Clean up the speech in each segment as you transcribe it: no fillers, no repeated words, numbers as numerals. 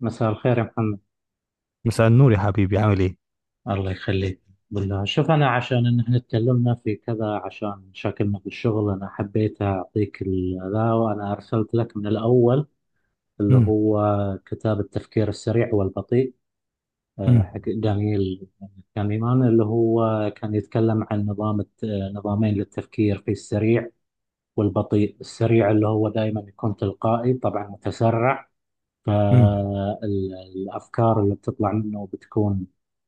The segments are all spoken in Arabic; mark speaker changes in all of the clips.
Speaker 1: مساء الخير يا محمد.
Speaker 2: مساء النور يا حبيبي، عامل ايه؟
Speaker 1: الله يخليك. بالله شوف، أنا عشان إن إحنا اتكلمنا في كذا عشان مشاكلنا في الشغل أنا حبيت أعطيك ذا وأنا أرسلت لك من الأول، اللي
Speaker 2: مم.
Speaker 1: هو كتاب التفكير السريع والبطيء،
Speaker 2: مم.
Speaker 1: حق دانييل كانيمان، اللي هو كان يتكلم عن نظامين للتفكير: في السريع والبطيء. السريع اللي هو دائما يكون تلقائي، طبعا متسرع،
Speaker 2: مم.
Speaker 1: فالأفكار اللي بتطلع منه بتكون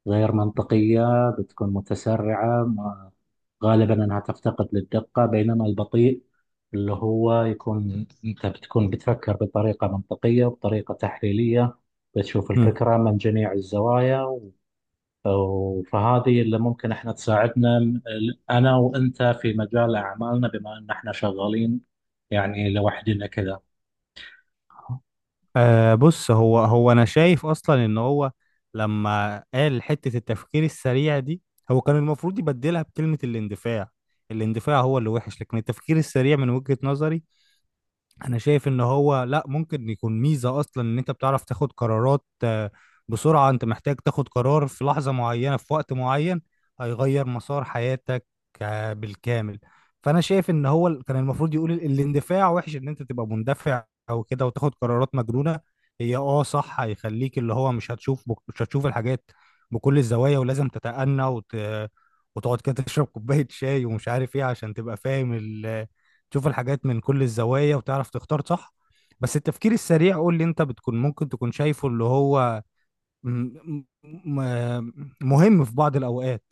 Speaker 1: غير منطقية، بتكون متسرعة ما- غالبا أنها تفتقد للدقة. بينما البطيء اللي هو يكون أنت بتكون بتفكر بطريقة منطقية وبطريقة تحليلية، بتشوف
Speaker 2: مم.
Speaker 1: الفكرة من جميع الزوايا فهذه اللي ممكن احنا تساعدنا أنا وأنت في مجال أعمالنا، بما أن احنا شغالين يعني لوحدنا كذا.
Speaker 2: آه، بص، هو انا شايف اصلا ان هو لما قال حتة التفكير السريع دي، هو كان المفروض يبدلها بكلمة الاندفاع. الاندفاع هو اللي وحش، لكن التفكير السريع من وجهة نظري انا شايف ان هو لا، ممكن يكون ميزة اصلا. ان انت بتعرف تاخد قرارات بسرعة. انت محتاج تاخد قرار في لحظة معينة في وقت معين، هيغير مسار حياتك بالكامل. فانا شايف ان هو كان المفروض يقول الاندفاع وحش، ان انت تبقى مندفع او كده وتاخد قرارات مجنونة. هي اه صح، هيخليك اللي هو مش هتشوف مش هتشوف الحاجات بكل الزوايا، ولازم تتأنى وتقعد كده تشرب كوباية شاي ومش عارف ايه، عشان تبقى فاهم، تشوف الحاجات من كل الزوايا وتعرف تختار صح. بس التفكير السريع، قول لي انت بتكون ممكن تكون شايفه اللي هو م- م- مهم في بعض الأوقات.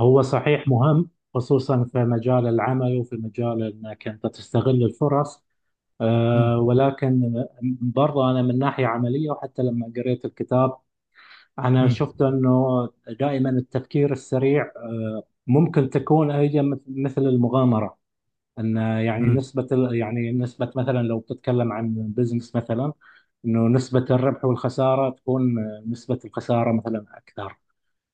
Speaker 1: هو صحيح مهم، خصوصا في مجال العمل وفي مجال انك انت تستغل الفرص.
Speaker 2: مم.
Speaker 1: أه، ولكن برضه انا من ناحيه عمليه، وحتى لما قريت الكتاب انا شفت
Speaker 2: مم.
Speaker 1: انه دائما التفكير السريع أه ممكن تكون ايضا مثل المغامره، ان يعني
Speaker 2: مم.
Speaker 1: يعني نسبه، مثلا لو بتتكلم عن بزنس مثلا، انه نسبه الربح والخساره تكون نسبه الخساره مثلا اكثر،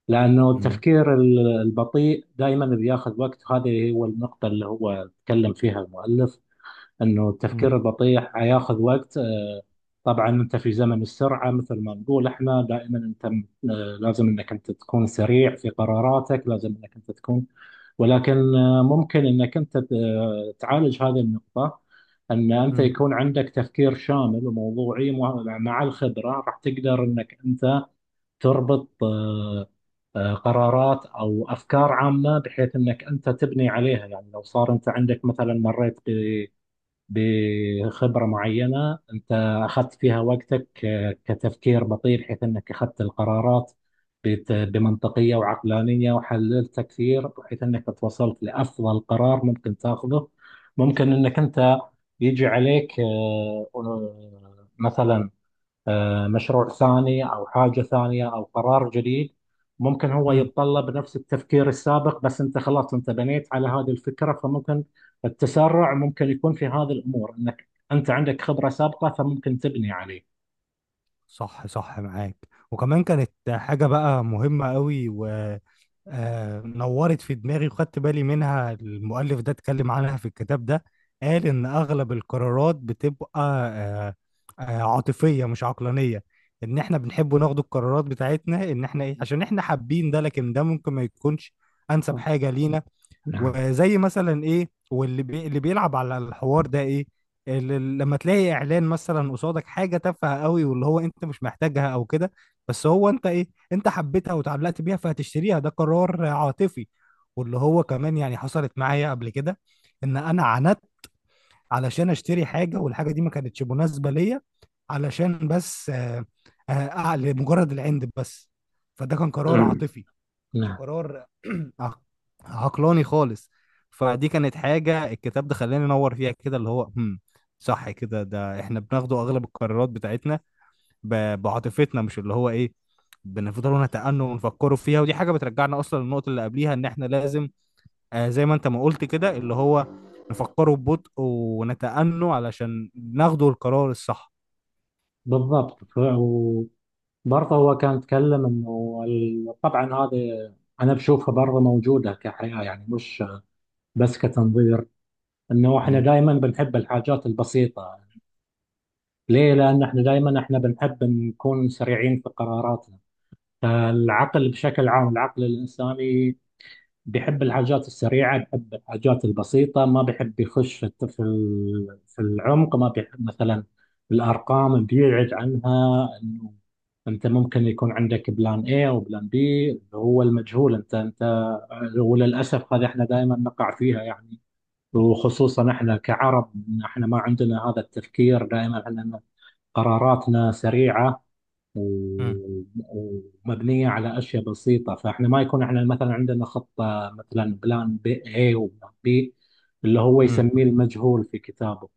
Speaker 1: لأنه
Speaker 2: مم.
Speaker 1: البطيء دائما بياخذ وقت، وهذه هو النقطة اللي هو تكلم فيها المؤلف، أنه التفكير البطيء حياخذ وقت. طبعا أنت في زمن السرعة، مثل ما نقول إحنا دائما، أنت م- آه، لازم أنك أنت تكون سريع في قراراتك، لازم أنك أنت تكون، ولكن ممكن أنك أنت ت- آه، تعالج هذه النقطة، أن أنت
Speaker 2: مم.
Speaker 1: يكون عندك تفكير شامل وموضوعي، مع الخبرة راح تقدر أنك أنت تربط قرارات او افكار عامه، بحيث انك انت تبني عليها. يعني لو صار انت عندك مثلا، بخبره معينه انت اخذت فيها وقتك، كتفكير بطيء، بحيث انك اخذت القرارات بمنطقيه وعقلانيه، وحللت كثير بحيث انك توصلت لافضل قرار ممكن تاخذه، ممكن انك انت يجي عليك مثلا مشروع ثاني أو حاجة ثانية أو قرار جديد، ممكن هو
Speaker 2: مم.
Speaker 1: يتطلب نفس التفكير السابق، بس أنت خلاص أنت بنيت على هذه الفكرة، فممكن التسرع ممكن يكون في هذه الأمور، أنك أنت عندك خبرة سابقة فممكن تبني عليه.
Speaker 2: صح، صح، معاك. وكمان كانت حاجة بقى مهمة قوي، و نورت في دماغي وخدت بالي منها. المؤلف ده اتكلم عنها في الكتاب ده، قال إن أغلب القرارات بتبقى عاطفية مش عقلانية. إن إحنا بنحب ناخد القرارات بتاعتنا إن إحنا إيه، عشان إحنا حابين ده، لكن ده ممكن ما يكونش أنسب
Speaker 1: آه،
Speaker 2: حاجة لينا.
Speaker 1: نعم.
Speaker 2: وزي مثلا ايه، اللي بيلعب على الحوار ده ايه، اللي لما تلاقي اعلان مثلا قصادك حاجه تافهه قوي واللي هو انت مش محتاجها او كده، بس هو انت ايه، انت حبيتها وتعلقت بيها فهتشتريها. ده قرار عاطفي. واللي هو كمان يعني حصلت معايا قبل كده، ان انا عانت علشان اشتري حاجه والحاجه دي ما كانتش مناسبه ليا، علشان بس لمجرد العند بس. فده كان قرار عاطفي، كانش
Speaker 1: نعم.
Speaker 2: قرار عق- عقلاني خالص. فدي كانت حاجة الكتاب ده خلاني انور فيها كده، اللي هو هم صح كده، ده احنا بناخده اغلب القرارات بتاعتنا بعاطفتنا، مش اللي هو ايه بنفضلوا نتأنوا ونفكروا فيها. ودي حاجة بترجعنا اصلا للنقطة اللي قبليها، ان احنا لازم، آه، زي ما انت ما قلت كده اللي هو نفكروا ببطء ونتأنوا علشان ناخدوا القرار الصح.
Speaker 1: بالضبط. وبرضه هو كان يتكلم طبعا هذا، انا بشوفها برضه موجوده كحياه، يعني مش بس كتنظير، انه احنا
Speaker 2: مم.
Speaker 1: دائما بنحب الحاجات البسيطه. ليه؟ لأن احنا دائما احنا بنحب نكون سريعين في قراراتنا، فالعقل بشكل عام، العقل الإنساني، بيحب الحاجات السريعة، بيحب الحاجات البسيطة، ما بيحب يخش في في العمق، ما بيحب مثلا الأرقام، بيبعد عنها، إنه أنت ممكن يكون عندك بلان A أو بلان B اللي هو المجهول. أنت وللأسف هذه احنا دائما نقع فيها يعني، وخصوصا احنا كعرب، احنا ما عندنا هذا التفكير، دائما احنا قراراتنا سريعة
Speaker 2: مم.
Speaker 1: و- ومبنية على أشياء بسيطة. فإحنا ما يكون إحنا مثلا عندنا خطة، مثلا بلان بي A وبلان بي، اللي هو
Speaker 2: مم.
Speaker 1: يسميه المجهول في كتابه.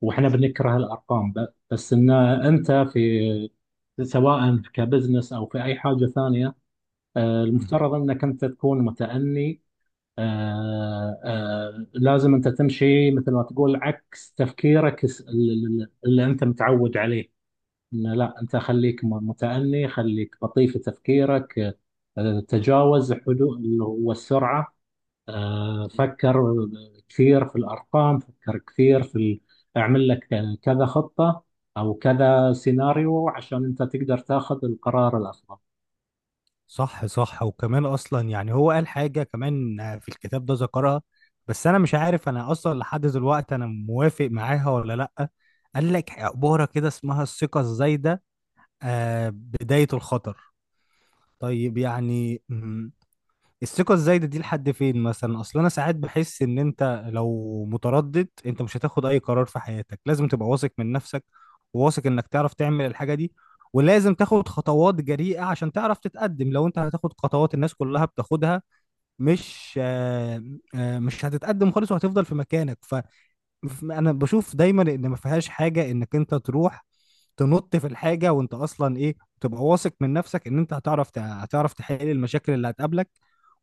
Speaker 1: وإحنا بنكره الأرقام، بس إن أنت في، سواء كبزنس أو في أي حاجة ثانية،
Speaker 2: مم.
Speaker 1: المفترض أنك أنت تكون متأني. لازم أنت تمشي مثل ما تقول عكس تفكيرك اللي أنت متعود عليه، إن لا، أنت خليك متأني، خليك بطيء في تفكيرك، تجاوز حدود اللي هو السرعة. فكر كثير في الأرقام، فكر كثير في اعمل لك كذا خطة أو كذا سيناريو عشان أنت تقدر تاخذ القرار الأفضل.
Speaker 2: صح، صح. وكمان اصلا يعني هو قال حاجه كمان في الكتاب ده ذكرها، بس انا مش عارف انا اصلا لحد دلوقتي انا موافق معاها ولا لا. قال لك عباره كده اسمها الثقه الزايده، آه، بدايه الخطر. طيب، يعني الثقة الزايدة دي لحد فين مثلا؟ اصل انا ساعات بحس ان انت لو متردد انت مش هتاخد اي قرار في حياتك. لازم تبقى واثق من نفسك وواثق انك تعرف تعمل الحاجة دي، ولازم تاخد خطوات جريئة عشان تعرف تتقدم. لو انت هتاخد خطوات الناس كلها بتاخدها، مش آه، آه، مش هتتقدم خالص وهتفضل في مكانك. انا بشوف دايما ان ما فيهاش حاجه انك انت تروح تنط في الحاجه، وانت اصلا ايه، تبقى واثق من نفسك ان انت هتعرف هتعرف تحل المشاكل اللي هتقابلك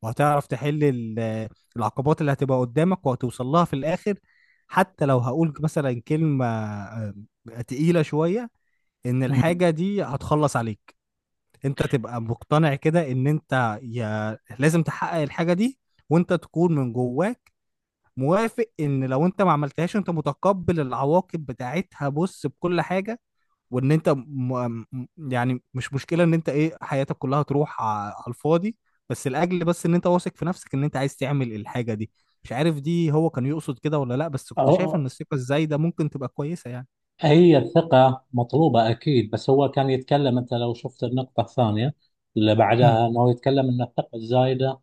Speaker 2: وهتعرف تحل العقبات اللي هتبقى قدامك وهتوصل لها في الاخر. حتى لو هقول مثلا كلمه تقيله شويه، ان
Speaker 1: مم.
Speaker 2: الحاجه دي هتخلص عليك، انت تبقى مقتنع كده ان انت يا لازم تحقق الحاجه دي، وانت تكون من جواك موافق ان لو انت ما عملتهاش انت متقبل العواقب بتاعتها. بص بكل حاجه، وان انت يعني مش مشكله ان انت ايه حياتك كلها تروح على الفاضي، بس لاجل بس ان انت واثق في نفسك ان انت عايز تعمل الحاجه دي. مش عارف دي هو كان يقصد كده ولا لا، بس كنت شايف
Speaker 1: أو-
Speaker 2: ان الثقه الزايده ممكن تبقى كويسه يعني.
Speaker 1: هي الثقة مطلوبة أكيد، بس هو كان يتكلم، أنت لو شفت النقطة الثانية اللي
Speaker 2: امم.
Speaker 1: بعدها، أنه يتكلم أن الثقة الزايدة،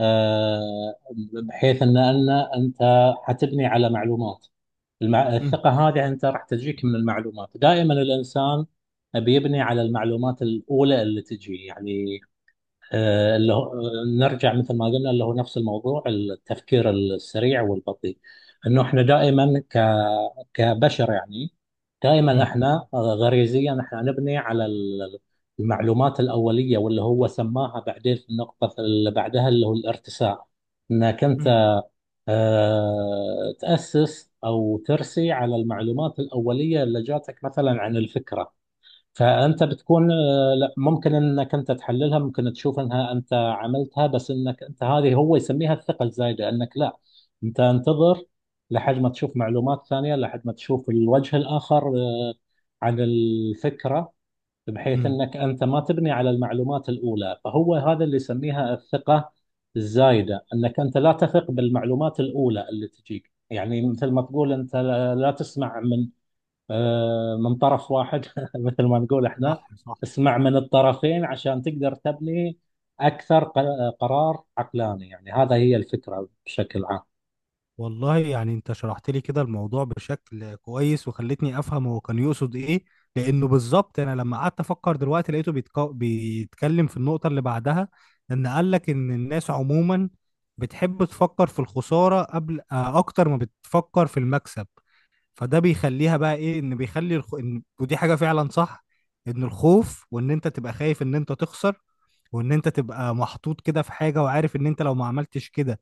Speaker 1: آه، بحيث ان انت حتبني على معلومات. المع... الثقه هذه انت راح تجيك من المعلومات. دائما الانسان بيبني على المعلومات الاولى اللي تجي يعني، اللي هو نرجع مثل ما قلنا، اللي هو نفس الموضوع التفكير السريع والبطيء، انه احنا دائما ك كبشر يعني، دائما
Speaker 2: امم.
Speaker 1: احنا غريزيا احنا نبني على المعلومات الاوليه، واللي هو سماها بعدين في النقطه اللي بعدها اللي هو الارتساء، انك انت
Speaker 2: امم.
Speaker 1: تاسس او ترسي على المعلومات الاوليه اللي جاتك مثلا عن الفكره، فانت بتكون لا ممكن انك انت تحللها، ممكن تشوف انها انت عملتها، بس انك انت، هذه هو يسميها الثقه الزايده، انك لا، انت انتظر لحد ما تشوف معلومات ثانيه، لحد ما تشوف الوجه الاخر عن الفكره، بحيث
Speaker 2: امم.
Speaker 1: انك انت ما تبني على المعلومات الاولى. فهو هذا اللي يسميها الثقه الزايده، انك انت لا تثق بالمعلومات الاولى اللي تجيك، يعني مثل ما تقول انت، لا لا تسمع من من طرف واحد، مثل ما نقول احنا،
Speaker 2: صح.
Speaker 1: اسمع من الطرفين عشان تقدر تبني أكثر قرار عقلاني يعني. هذا هي الفكرة بشكل عام.
Speaker 2: والله يعني انت شرحت لي كده الموضوع بشكل كويس وخلتني افهم هو كان يقصد ايه، لانه بالظبط انا لما قعدت افكر دلوقتي لقيته بيتكلم في النقطة اللي بعدها. ان قال لك ان الناس عموما بتحب تفكر في الخسارة قبل، اكتر ما بتفكر في المكسب. فده بيخليها بقى ايه، ان بيخلي ودي حاجة فعلا صح، ان الخوف، وان انت تبقى خايف ان انت تخسر، وان انت تبقى محطوط كده في حاجة وعارف ان انت لو ما عملتش كده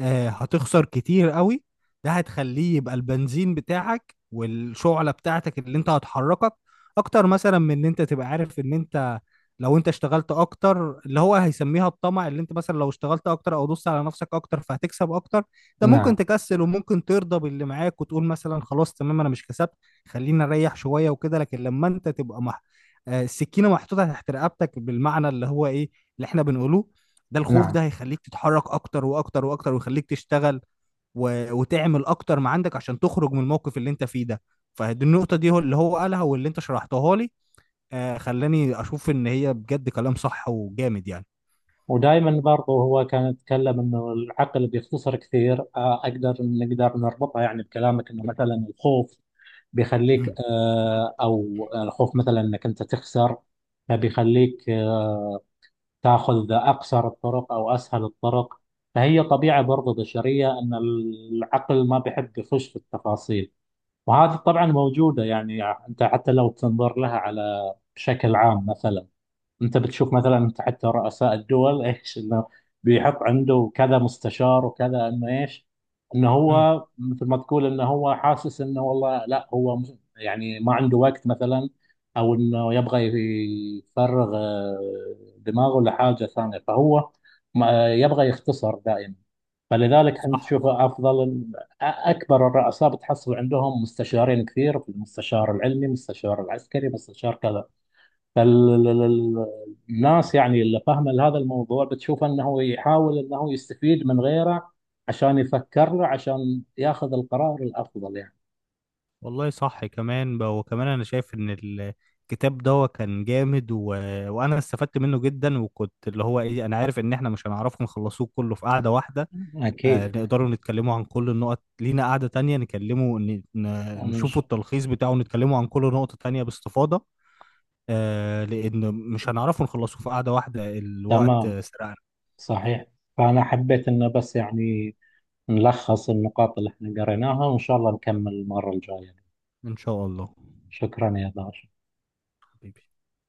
Speaker 2: هتخسر كتير قوي، ده هتخليه يبقى البنزين بتاعك والشعلة بتاعتك اللي انت هتحركك اكتر، مثلا من ان انت تبقى عارف ان انت لو انت اشتغلت اكتر اللي هو هيسميها الطمع، اللي انت مثلا لو اشتغلت اكتر او دوست على نفسك اكتر فهتكسب اكتر. ده ممكن
Speaker 1: نعم.
Speaker 2: تكسل وممكن ترضى باللي معاك وتقول مثلا خلاص تمام انا مش كسبت، خلينا نريح شوية وكده. لكن لما انت تبقى مح... آه، السكينة محطوطة تحت رقبتك بالمعنى اللي هو ايه اللي احنا بنقوله، ده الخوف
Speaker 1: نعم.
Speaker 2: ده هيخليك تتحرك اكتر واكتر واكتر، ويخليك تشتغل وتعمل اكتر ما عندك عشان تخرج من الموقف اللي انت فيه ده. فدي النقطة دي هو اللي هو قالها واللي انت شرحتها لي، آه، خلاني اشوف ان هي بجد كلام صح وجامد يعني.
Speaker 1: ودائما برضو هو كان يتكلم انه العقل بيختصر كثير. اقدر نقدر نربطها يعني بكلامك، انه مثلا الخوف بيخليك
Speaker 2: مم.
Speaker 1: او الخوف مثلا انك انت تخسر، فبيخليك تاخذ أقصر الطرق أو أسهل الطرق. فهي طبيعة برضه بشرية، أن العقل ما بيحب يخش في التفاصيل. وهذه طبعا موجودة يعني، يعني أنت حتى لو تنظر لها على بشكل عام مثلا، انت بتشوف مثلا، انت حتى رؤساء الدول ايش، انه بيحط عنده كذا مستشار وكذا، انه ايش، انه
Speaker 2: مم.
Speaker 1: هو مثل ما تقول انه هو حاسس، انه والله لا، هو يعني ما عنده وقت مثلا، او انه يبغى يفرغ دماغه لحاجه ثانيه، فهو يبغى يختصر دائما. فلذلك انت
Speaker 2: صح،
Speaker 1: تشوف
Speaker 2: صح.
Speaker 1: افضل اكبر الرؤساء بتحصل عندهم مستشارين كثير: مستشار العلمي، مستشار العسكري، مستشار كذا. فالناس يعني اللي فاهمه هذا الموضوع بتشوف انه يحاول انه يستفيد من غيره عشان يفكر له، عشان ياخذ القرار الافضل يعني.
Speaker 2: والله صح كمان وكمان انا شايف ان الكتاب ده كان جامد وانا استفدت منه جدا. وكنت اللي هو ايه انا عارف ان احنا مش هنعرفه نخلصوه كله في قعدة واحدة،
Speaker 1: اكيد.
Speaker 2: نقدروا نتكلموا عن كل النقط، لينا قعدة تانية نكلموا
Speaker 1: ونش-
Speaker 2: نشوفوا التلخيص بتاعه ونتكلموا عن كل نقطة تانية باستفاضة، لأن مش هنعرفوا نخلصوا في قعدة واحدة، الوقت
Speaker 1: تمام.
Speaker 2: سرقنا.
Speaker 1: صحيح. فانا حبيت انه بس يعني نلخص النقاط اللي احنا قريناها، وان شاء الله نكمل المره الجايه.
Speaker 2: إن شاء الله.
Speaker 1: شكرا يا باشا.
Speaker 2: حبيبي.